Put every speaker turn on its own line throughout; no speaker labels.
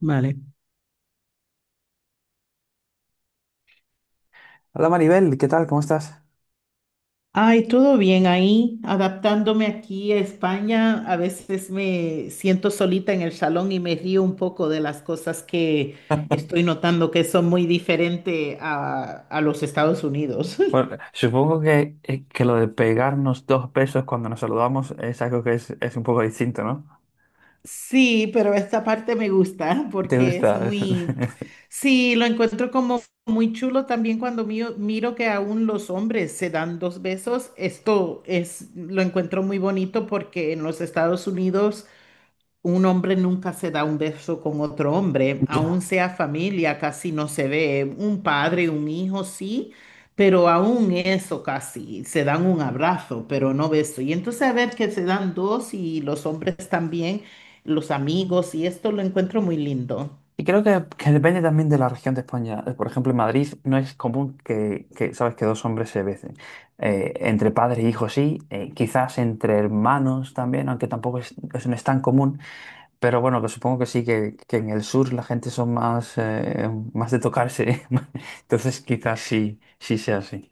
Vale.
Hola Maribel, ¿qué tal? ¿Cómo estás?
Ay, todo bien ahí, adaptándome aquí a España. A veces me siento solita en el salón y me río un poco de las cosas que estoy notando que son muy diferentes a los Estados Unidos.
Bueno, supongo que lo de pegarnos dos besos cuando nos saludamos es algo que es un poco distinto, ¿no?
Sí, pero esta parte me gusta
¿Te
porque es
gusta?
muy, sí, lo encuentro como muy chulo también cuando miro que aún los hombres se dan dos besos. Esto es, lo encuentro muy bonito porque en los Estados Unidos un hombre nunca se da un beso con otro hombre, aún
Ya.
sea familia, casi no se ve. Un padre, un hijo, sí, pero aún eso casi. Se dan un abrazo, pero no beso. Y entonces a ver que se dan dos y los hombres también, los
Mm.
amigos, y esto lo encuentro muy lindo.
Y creo que depende también de la región de España. Por ejemplo, en Madrid no es común que, sabes, que dos hombres se besen. Entre padres e hijos sí, quizás entre hermanos también, aunque tampoco eso no es tan común. Pero bueno, que supongo que sí, que en el sur la gente son más, más de tocarse. Entonces quizás sí, sí sea así.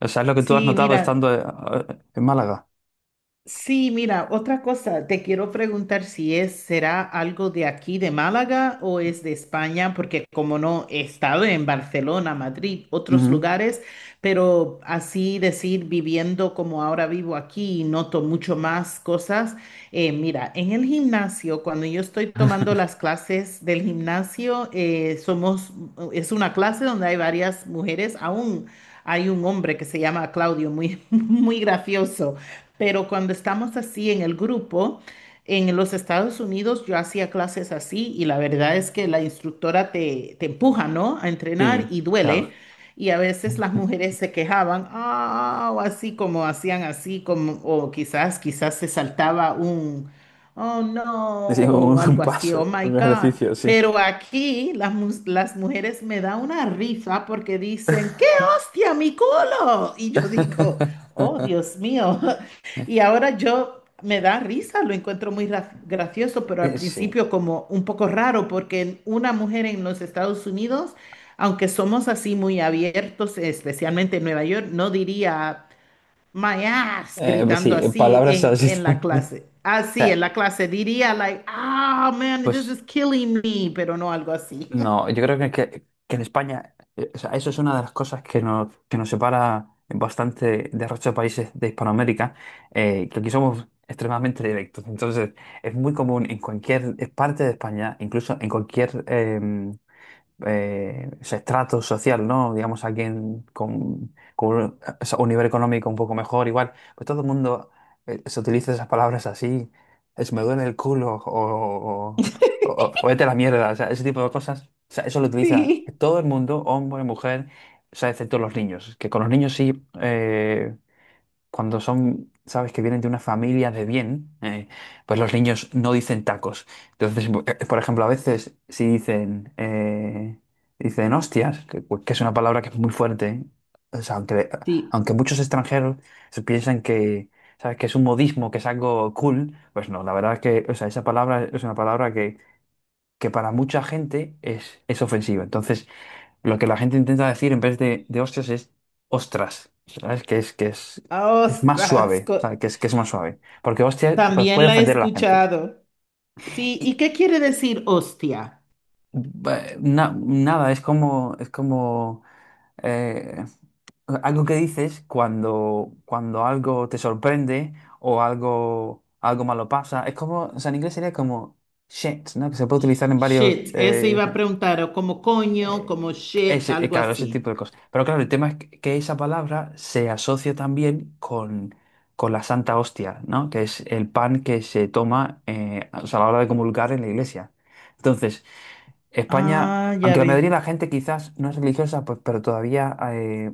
O sea, es lo que tú has
Sí,
notado
mira.
estando en Málaga.
Sí, mira, otra cosa, te quiero preguntar si es, será algo de aquí de Málaga o es de España, porque como no he estado en Barcelona, Madrid, otros
Ujú.
lugares, pero así decir, viviendo como ahora vivo aquí y noto mucho más cosas. Mira, en el gimnasio, cuando yo estoy tomando las clases del gimnasio, somos, es una clase donde hay varias mujeres, aún hay un hombre que se llama Claudio, muy, muy gracioso. Pero cuando estamos así en el grupo, en los Estados Unidos yo hacía clases así y la verdad es que la instructora te empuja, ¿no? A entrenar
Sí,
y duele.
claro.
Y a veces las mujeres se quejaban, ah, o así como hacían así, como, o quizás se saltaba un, oh no,
Es un,
o
un
algo así, oh
paso,
my
un
God.
ejercicio, sí.
Pero aquí las, las mujeres me da una risa porque dicen, ¡qué hostia, mi culo! Y yo digo, oh, Dios mío. Y ahora yo me da risa, lo encuentro muy gracioso, pero al
Sí.
principio como un poco raro, porque una mujer en los Estados Unidos, aunque somos así muy abiertos, especialmente en Nueva York, no diría my ass
Pues
gritando
sí, en
así
palabras
en,
así
en la
también.
clase.
O
Así en
sea,
la clase diría like, ah, man, this
pues.
is killing me, pero no algo así.
No, yo creo que en España, o sea, eso es una de las cosas que nos separa bastante del resto de países de Hispanoamérica, que aquí somos extremadamente directos. Entonces, es muy común en cualquier parte de España, incluso en cualquier ese estrato social, ¿no? Digamos, alguien con un, o sea, un nivel económico un poco mejor, igual, pues todo el mundo se utiliza esas palabras así, es me duele el culo o vete a la mierda, o sea, ese tipo de cosas, o sea, eso lo utiliza
Sí.
todo el mundo, hombre, mujer, o sea, excepto los niños, que con los niños sí, cuando son, sabes, que vienen de una familia de bien, pues los niños no dicen tacos. Entonces, por ejemplo, a veces si dicen hostias, que es una palabra que es muy fuerte, ¿eh? O sea, aunque,
Sí,
aunque muchos extranjeros se piensan que, sabes, que es un modismo, que es algo cool, pues no, la verdad es que, o sea, esa palabra es una palabra que para mucha gente es ofensiva. Entonces, lo que la gente intenta decir en vez de hostias es ostras, ¿sabes? Que es más
ostras,
suave, ¿sabes? Que es más suave. Porque hostias pues,
también
puede
la he
ofender a la gente.
escuchado. Sí,
Y,
¿y qué quiere decir hostia?
nada, es como eh, algo que dices cuando algo te sorprende o algo malo pasa. Es como, o sea, en inglés sería como shit, ¿no? Que se puede utilizar en varios.
Shit, ese iba a preguntar, o como coño,
Eh,
como shit, algo
Claro, ese
así.
tipo de cosas. Pero claro, el tema es que esa palabra se asocia también con la Santa Hostia, ¿no? Que es el pan que se toma o sea, a la hora de comulgar en la iglesia. Entonces, España,
Ah, ya
aunque la mayoría
ve.
de la gente quizás no es religiosa, pues, pero todavía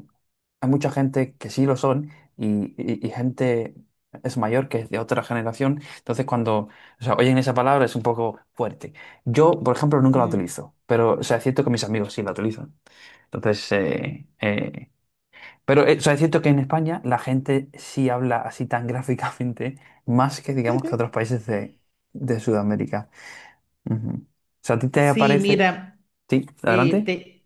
hay mucha gente que sí lo son y gente es mayor que es de otra generación. Entonces, cuando o sea, oyen esa palabra es un poco fuerte. Yo, por ejemplo, nunca la
Mm.
utilizo, pero o sea, es cierto que mis amigos sí la utilizan. Entonces, pero o sea, es cierto que en España la gente sí habla así tan gráficamente, más que digamos que otros países de Sudamérica. Ujú. O sea, ¿a ti te
Sí,
aparece?
mira.
Sí,
Eh,
adelante.
te,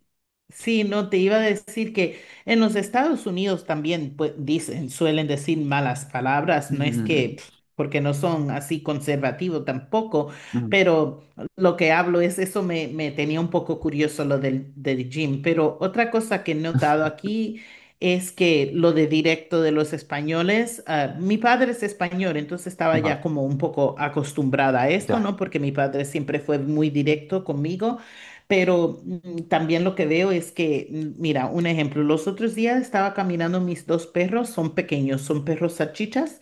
sí, no, te iba a decir que en los Estados Unidos también pues, dicen, suelen decir malas palabras, no es que,
Mm,
pf, porque no son así conservativos tampoco,
mm,
pero lo que hablo es, eso me, me tenía un poco curioso lo del gym, pero otra cosa que he notado aquí es que lo de directo de los españoles, ah, mi padre es español, entonces estaba ya
vale,
como un poco acostumbrada a esto,
ya.
¿no? Porque mi padre siempre fue muy directo conmigo. Pero mm, también lo que veo es que, mm, mira, un ejemplo, los otros días estaba caminando mis dos perros, son pequeños, son perros salchichas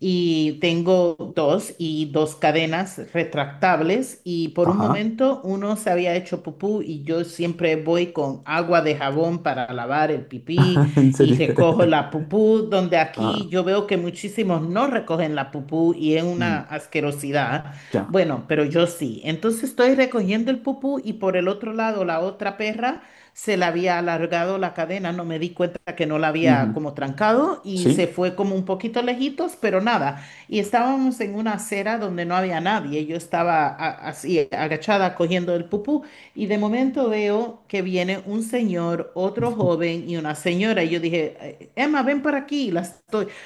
y tengo dos y dos cadenas retractables y por un
Ajá.
momento uno se había hecho pupú y yo siempre voy con agua de jabón para lavar el pipí
En serio.
y recojo la pupú, donde aquí
Ah,
yo veo que muchísimos no recogen la pupú y es una
mm,
asquerosidad.
ya.
Bueno, pero yo sí. Entonces estoy recogiendo el pupú y por el otro lado la otra perra se le había alargado la cadena. No me di cuenta que no la había
Ujú.
como trancado y se
Sí,
fue como un poquito lejitos, pero nada. Y estábamos en una acera donde no había nadie. Yo estaba así agachada cogiendo el pupú y de momento veo que viene un señor, otro joven y una señora. Y yo dije, Emma, ven para aquí. Las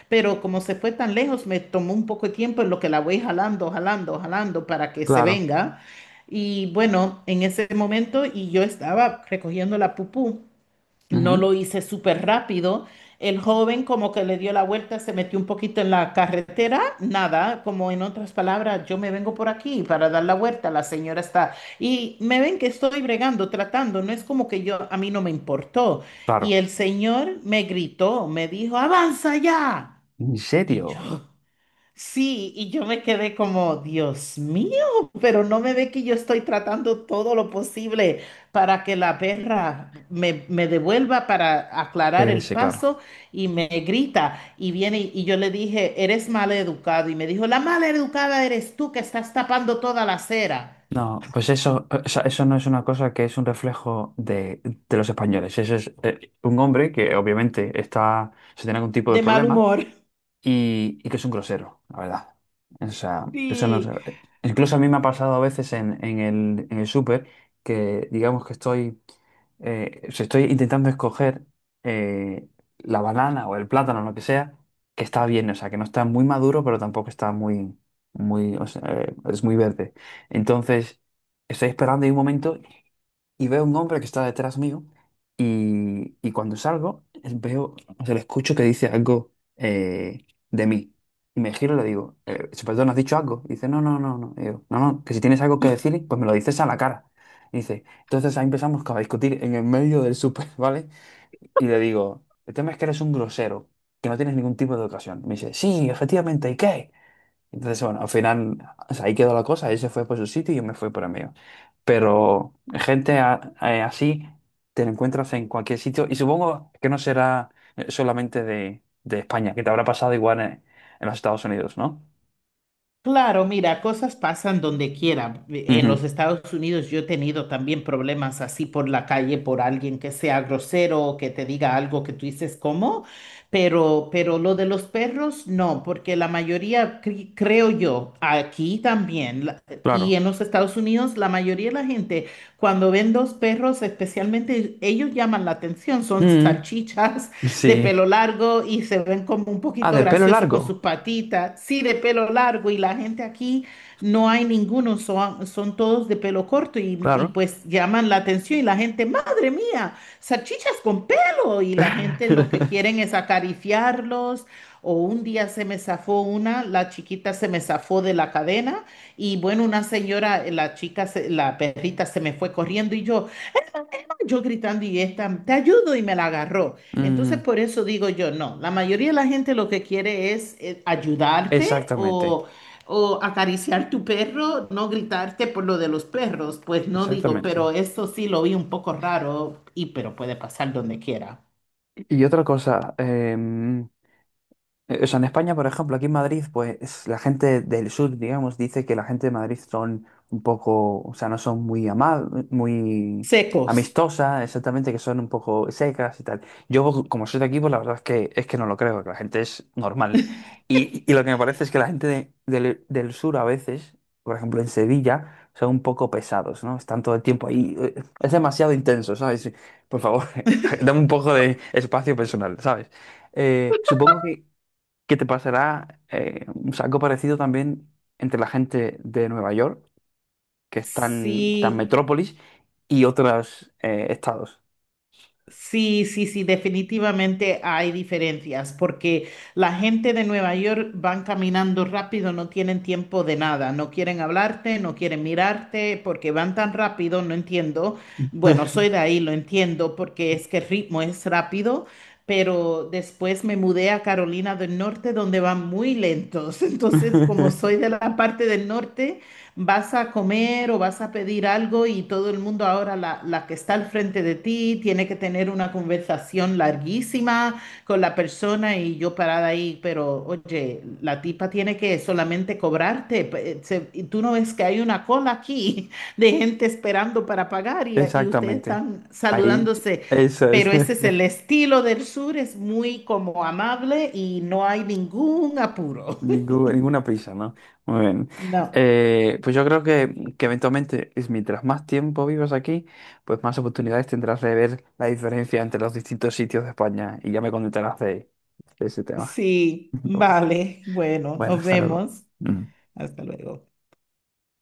pero como se fue tan lejos, me tomó un poco de tiempo en lo que la voy jalando, jalando, jalando para que se
claro.
venga. Y bueno, en ese momento, y yo estaba recogiendo la pupú, no
Ujú.
lo hice súper rápido. El joven como que le dio la vuelta, se metió un poquito en la carretera, nada, como en otras palabras, yo me vengo por aquí para dar la vuelta, la señora está, y me ven que estoy bregando, tratando, no es como que yo, a mí no me importó. Y
Claro.
el señor me gritó, me dijo, avanza ya.
¿En
Y yo,
serio?
sí, y yo me quedé como, Dios mío, pero no me ve que yo estoy tratando todo lo posible para que la perra me devuelva para aclarar el
Regrese, claro.
paso y me grita y viene y yo le dije, eres mal educado y me dijo, la mal educada eres tú que estás tapando toda la acera
No, pues eso, o sea, eso no es una cosa que es un reflejo de los españoles. Eso es un hombre que obviamente se tiene algún tipo de
de mal
problema
humor.
y que es un grosero, la verdad. O sea, eso no,
Sí.
incluso a mí me ha pasado a veces en el súper que digamos que estoy, o sea, estoy intentando escoger eh, la banana o el plátano, lo que sea, que está bien, o sea, que no está muy maduro, pero tampoco está muy, muy, o sea, es muy verde. Entonces, estoy esperando y hay un momento y veo un hombre que está detrás mío y cuando salgo veo, o sea, le escucho que dice algo de mí. Y me giro y le digo, perdón, ¿has dicho algo? Y dice, no, no, no, no. Y digo, no, no, que si tienes algo que decir, pues me lo dices a la cara. Y dice, entonces ahí empezamos a discutir en el medio del súper, ¿vale? Y le digo, el tema es que eres un grosero, que no tienes ningún tipo de educación. Me dice, sí, efectivamente, ¿y qué? Entonces, bueno, al final, o sea, ahí quedó la cosa, él se fue por su sitio y yo me fui por el mío. Pero gente así te la encuentras en cualquier sitio y supongo que no será solamente de España, que te habrá pasado igual en los Estados Unidos, ¿no?
Claro, mira, cosas pasan donde quiera. En los
Ujú.
Estados Unidos yo he tenido también problemas así por la calle por alguien que sea grosero o que te diga algo que tú dices cómo, pero lo de los perros no, porque la mayoría, creo yo, aquí también la- y
Claro.
en los Estados Unidos, la mayoría de la gente cuando ven dos perros, especialmente ellos llaman la atención, son
Mm,
salchichas de
sí.
pelo largo y se ven como un
Ah,
poquito
de pelo
graciosos con sus
largo.
patitas. Sí, de pelo largo y la gente aquí no hay ninguno, son, son todos de pelo corto y
Claro.
pues llaman la atención y la gente, madre mía, salchichas con pelo y la gente lo que quieren es acariciarlos. O un día se me zafó una, la chiquita se me zafó de la cadena y bueno, una señora, la chica, se- la perrita se me fue corriendo y yo gritando y esta, te ayudo y me la agarró. Entonces,
Mm,
por eso digo yo, no, la mayoría de la gente lo que quiere es ayudarte
exactamente,
o acariciar tu perro, no gritarte por lo de los perros, pues no digo,
exactamente.
pero eso sí lo vi un poco raro y pero puede pasar donde quiera.
Y otra cosa, o sea, en España, por ejemplo, aquí en Madrid, pues la gente del sur, digamos, dice que la gente de Madrid son un poco, o sea, no son muy amables, muy
Secos,
amistosas, exactamente, que son un poco secas y tal. Yo, como soy de aquí, pues la verdad es que no lo creo, que la gente es normal. Y lo que me parece es que la gente del sur a veces, por ejemplo, en Sevilla, son un poco pesados, ¿no? Están todo el tiempo ahí. Es demasiado intenso, ¿sabes? Por favor, dame un poco de espacio personal, ¿sabes? Supongo que te pasará un saco parecido también entre la gente de Nueva York, que es tan, tan
sí.
metrópolis, y otros estados.
Sí, sí, sí, definitivamente hay diferencias porque la gente de Nueva York van caminando rápido, no tienen tiempo de nada, no quieren hablarte, no quieren mirarte porque van tan rápido, no entiendo. Bueno, soy de ahí, lo entiendo porque es que el ritmo es rápido, pero después me mudé a Carolina del Norte donde van muy lentos. Entonces, como soy de la parte del norte, vas a comer o vas a pedir algo y todo el mundo ahora, la que está al frente de ti, tiene que tener una conversación larguísima con la persona y yo parada ahí, pero oye, la tipa tiene que solamente cobrarte. Y tú no ves que hay una cola aquí de gente esperando para pagar y ustedes
Exactamente.
están
Ahí,
saludándose.
eso es.
Pero ese es el estilo del sur, es muy como amable y no hay ningún apuro.
Ninguna prisa, ¿no? Muy bien.
No.
Pues yo creo que eventualmente, es mientras más tiempo vivas aquí, pues más oportunidades tendrás de ver la diferencia entre los distintos sitios de España y ya me contarás de ese tema.
Sí, vale. Bueno,
Bueno,
nos
hasta luego.
vemos.
Mm.
Hasta luego.